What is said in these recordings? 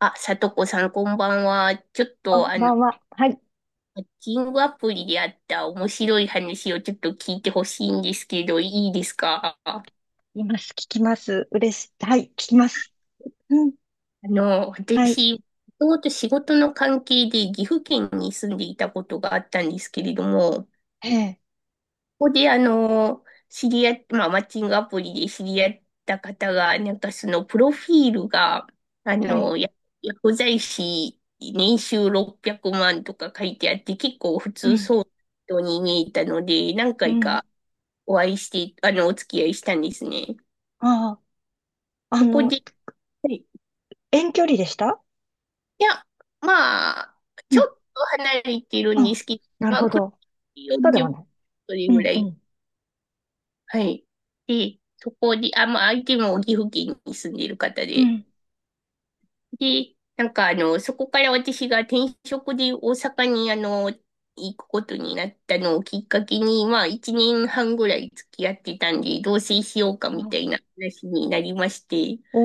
あ、さとこさん、こんばんは。ちょっこと、んあばの、んは。はい。マッチングアプリであった面白い話をちょっと聞いてほしいんですけど、いいですか？います。聞きます。嬉しい。はい。聞きます。うん。はい。私、もともと仕事の関係で岐阜県に住んでいたことがあったんですけれども、ええ。ここで、あの、知り合っ、まあ、マッチングアプリで知り合った方が、プロフィールが、あはい。の、や薬剤師、年収600万とか書いてあって、結構普う通ん。そうな人に見えたので、何う回ん。かお会いして、お付き合いしたんですね。ああ。そこで、はいい遠距離でした？や、まあ、うちょっん。と離れてるうんん、ですけど、なるまほあ、車ど。でそうで40はない。う分ぐん。らうい。ん。はい。で、そこで、あ、まあ、相手も岐阜県に住んでいる方うで。ん。で、そこから私が転職で大阪に行くことになったのをきっかけに、まあ、一年半ぐらい付き合ってたんで、同棲しようかみたあ、いな話になりまして。お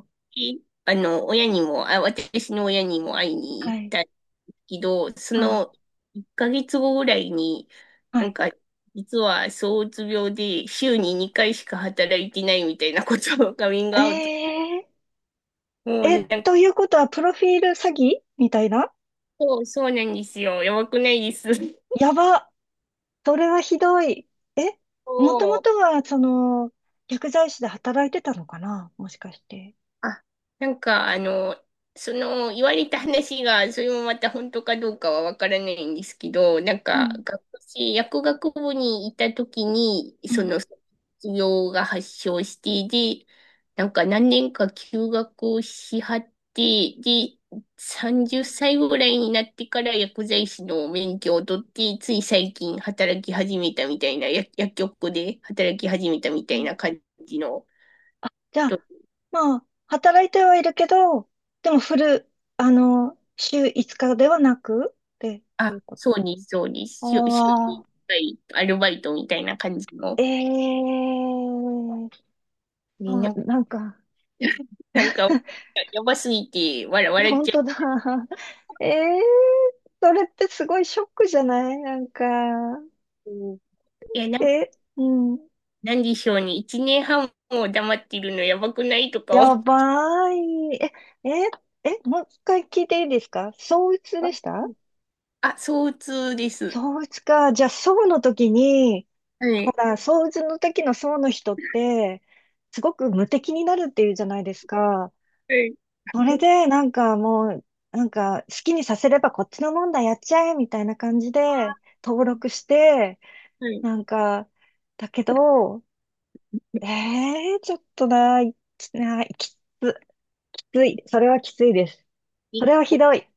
ー。で、あの、親にも、あ、私の親にも会いには行っい。たんですけど、そあ、の1ヶ月後ぐらいに、はなんい。か、実は躁うつ病で週に2回しか働いてないみたいなことをカミングえアウト。え。もうえ、ね、なんか、ということは、プロフィール詐欺みたいな？そうなんですよ。やばくないです？やば。それはひどい。え、もともそとうは、薬剤師で働いてたのかなもしかして。あ、なんか、あの、言われた話が、それもまた本当かどうかはわからないんですけど、うん薬学部にいた時に、うん。卒業が発症して、で、なんか何年か休学をしはって、で、30歳ぐらいになってから薬剤師の免許を取って、つい最近働き始めたみたいな、薬局で働き始めたみうたいん。な感じのあ、じゃ人。あ、まあ、働いてはいるけど、でもフル、あの、週5日ではなくってあ、いうこと。そうに、そうに、週、週あにいあ、っかいアルバイトみたいな感じえの。え。ね、そなう、んか、なんか、なんか、やばすぎて、笑っ本ちゃ当だ。ええ。それってすごいショックじゃない？う。いや、なん、え、うん、なんでしょうね。一年半も黙ってるのやばくないとか思やう。ばい。え、え、え、もう一回聞いていいですか？相うつでした？ あ、相通です。相打ちか。じゃあ、宋の時に、はほい。ら、相打ちの時の宋の人って、すごく無敵になるっていうじゃないですか。はい。それで、なんかもう、なんか好きにさせればこっちのもんだ、やっちゃえ、みたいな感じで、登録して、はい。なんか、だけど、ええー、ちょっとな、いな、きつ、きつい。それはきついです。そ結れはひ構、どい。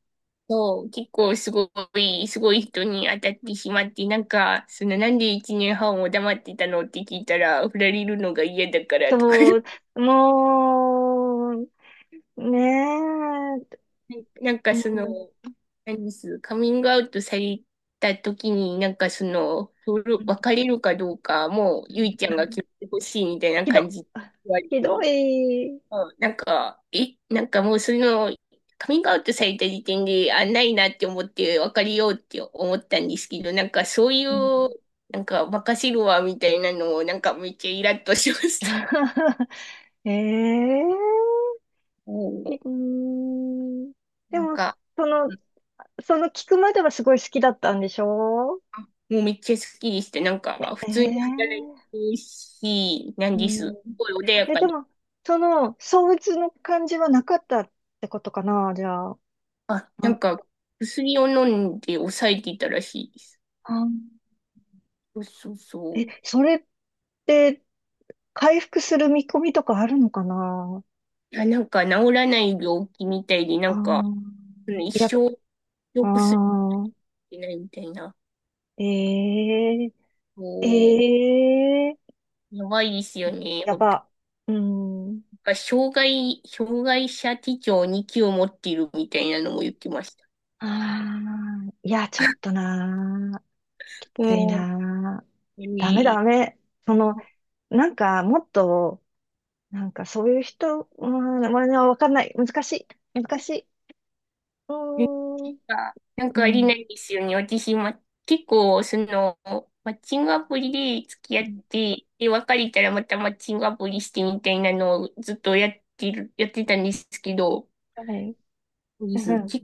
そう結構すごい、すごい人に当たってしまって、なんで一年半も黙ってたのって聞いたら、振られるのが嫌だからとか、そう、もう、ねえ、なんかうその、ん何ですカミングアウトされた時に、それ別れるかどうか、もう、うゆいんちゃうんがん。決めてほしいみたいなひ感ど、じで言われて、ひどい。うん。なんか、え、なんかもうその、カミングアウトされた時点で、あ、ないなって思って、別れようって思ったんですけど、なんかそういうん。 う、なんか、任せるわみたいなのを、なんかめっちゃイラッとしました。ええ。う う ん。ーん。でなんも、か、その、その聞くまではすごい好きだったんでしょ？あもうめっちゃ好きでした。普通に働いええ。てるし、なんうです。ん。すごい穏やえ、かでで。も、その相鬱の感じはなかったってことかな、じゃあ。あ、なあ、んか、薬を飲んで抑えていたらしいです。あ。そうそうそえ、う。それって、回復する見込みとかあるのかな？治らない病気みたいで、あー。うん、一いや、生あ良くすあ、るないみたいな。えこえええ。やばいですよね。やおなんば。うん。か、障害、障害者手帳に級を持っているみたいなのも言ってました。ああ、いや、ちょっとなー、きついうん。なー。ダメねダメ。その、もっと、そういう人、うん、まあ、わかんない。難しい。難しい。うーん。かなんうかありなん。いですよね。私、ま、結構、その、マッチングアプリで付き合うっん。て、で、別れたらまたマッチングアプリしてみたいなのをずっとやってる、やってたんですけど、はい。うです。ん。きう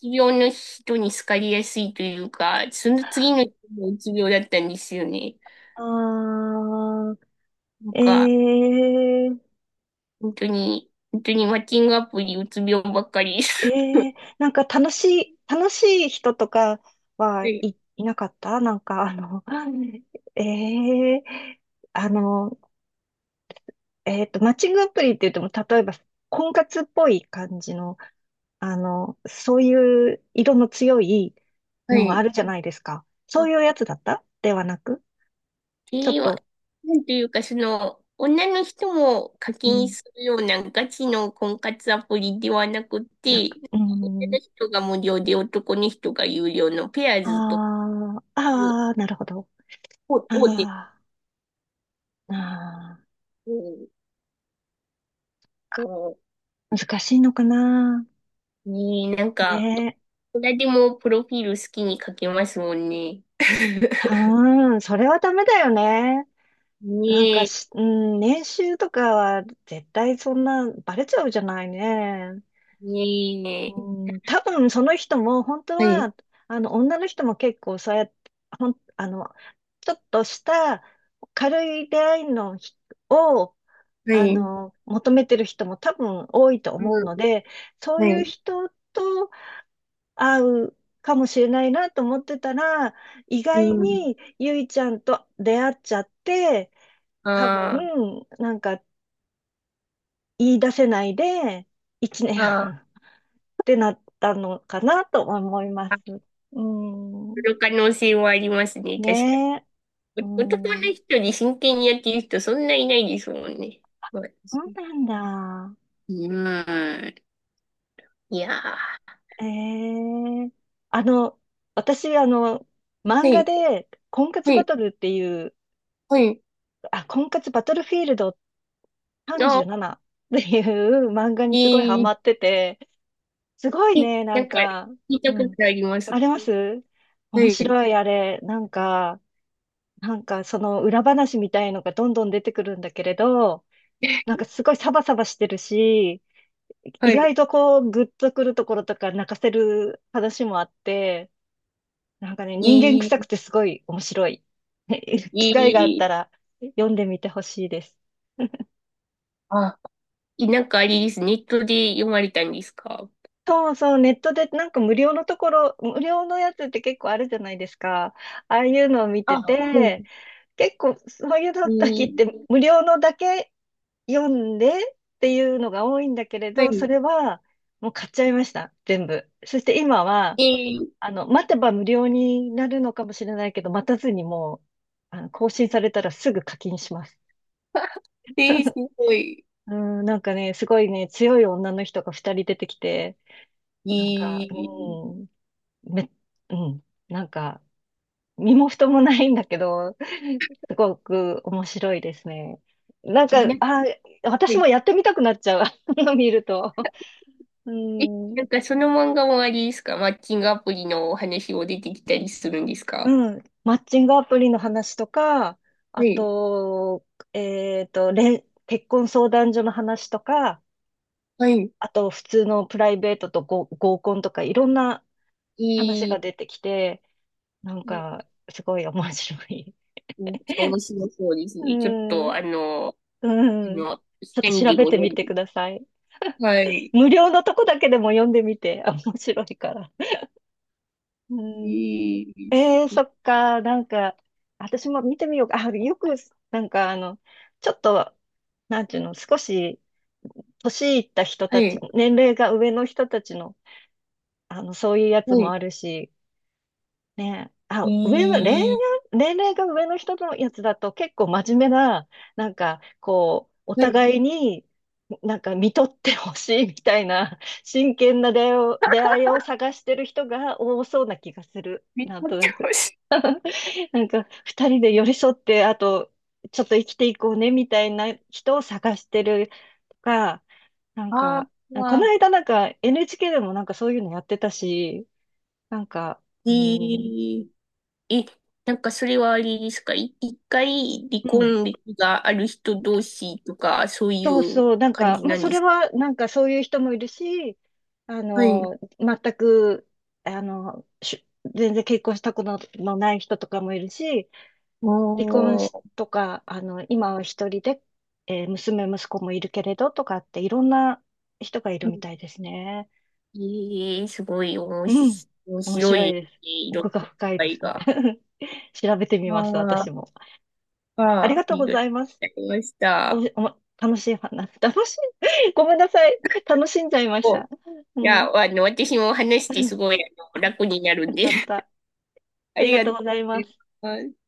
つ病の人に好かれやすいというか、その次の人もうつ病だったんですよね。あなんあ、か、ええ本当に、本当にマッチングアプリうつ病ばっかり。ええ。楽しい、楽しい人とか？ははい。い、いなかった？ええあの、マッチングアプリって言っても、例えば、婚活っぽい感じの、そういう色の強いはのもい。あるじゃないですか。そういうやつだったではなく、ちょっえー、わと、なんていうか、その、女の人も課う金ん、するようなガチの婚活アプリではなくて、う女ん、の人が無料で男の人が有料のペアーあズとあ、いうああ、なるほど。大手。ああ、ああ、うん難しいのかな。うん。に、なんねか、え。誰でもプロフィール好きに書けますもんね。う ーん、それはダメだよね。ねなんかえ、し、うん、年収とかは絶対そんなバレちゃうじゃないね。ねえ。うん、多分その人も本当はい、は、女の人も結構そうやって、ほん、あの、ちょっとした軽い出会いのひを、はい、求めてる人も多分多いとう思うのん、で、そうはいうい、人と合うかもしれないなと思ってたら、意う外ん。にゆいちゃんと出会っちゃって、多分、ああ、言い出せないで、1年半あってなったのかなと思いまあ、す。あ、うん。その可能性はありますね、確かねえ。うに。お男のん。人に真剣にやってる人そんないないですもんね。まあ、そうなんだ。うん。いやー。ええ。あの、私、漫は画い、で、婚活はバい、トルっていう、はい。あ、婚活バトルフィールドあ、37っていう漫画にすごいハいマい。ってて、すごいえ、ね、聞いうたことん。あります。あります。は面い、白いあれ。その裏話みたいのがどんどん出てくるんだけれど、なんかすごいサバサバしてるし、は意い。外とこうグッとくるところとか泣かせる話もあって、なんかね、人間いい、臭くてすごい面白い。機会があっいたい。ら読んでみてほしいです。あ、なんかあれです。ネットで読まれたんですか？そうそう、ネットで無料のところ、無料のやつって結構あるじゃないですか。ああいうのを見あ、てはて、い。結構そういうの時いっい、て無料のだけ読んでっていうのが多いんだけれはど、そい。れはもう買っちゃいました、全部。そして今は、いい。待てば無料になるのかもしれないけど、待たずにもう、更新されたらすぐ課金します。えー、す ごい。うん、なんかね、すごいね、強い女の人が二人出てきて、なんいか、い。うん、め、うん、なんか、身も蓋もないんだけど、すごく面白いですね。なんか、なあ、は私もいやってみたくなっちゃう、あの見ると。うえ、なんん、かその漫画もあれですか、マッチングアプリのお話を出てきたりするんですか？うん、マッチングアプリの話とか、はあい。と、結婚相談所の話とか、はい。あと、普通のプライベートとご合コンとか、いろんな話えが出ー、てきて、なんか、すごい面白い。めっちゃ面白そうですうね。ちょっと、んあの、あうん。ちの、ょっ下とに調でべもて読みんで。てください。はい。無料のとこだけでも読んでみて。あ、面白いから。うえん。ー、えー、す。そっか。私も見てみようか。あ、よく、なんかあの、ちょっと、なんていうの、少し、年いった人はたい。ち、年齢が上の人たちの、そういうやつはもい。あるし、ねえ、えあ、上の、恋愛、ー、年齢が上の人のやつだと結構真面目な、なんか、こう、おはい。互いに、なんか見とってほしいみたいな、真剣な出会いを、出会いを探してる人が多そうな気がする。めっちなゃんと面な白く。い。なんか、二人で寄り添って、あと、ちょっと生きていこうね、みたいな人を探してるとか、なんあか、このあ、間なんか NHK でもなんかそういうのやってたし、なんか、えうん、ー、え、なんかそれはあれですか、い、1回離うん。婚歴がある人同士とか、そういそううそう、感じまあ、なんそでれすか？は、なんかそういう人もいるし、あはい。の、全く、あの、し全然結婚したことのない人とかもいるし、離婚おしー、とか、今は一人で、えー娘、息子もいるけれどとかって、いろんな人がいるみたいですね。ええ、すごい面う白ん。面面白い白いでね、す。いろん奥がな深いで会すね。が。調べてみます、あ私も。あ、ありあがあ、とうりごがとざういます。ございましお、た。お、楽しい話、楽しい、ごめんなさい。楽しんじゃいましお、た。うん。私も話してす ごい、あ、楽になるよんで、かっ た。あありりががととううございます。ございます。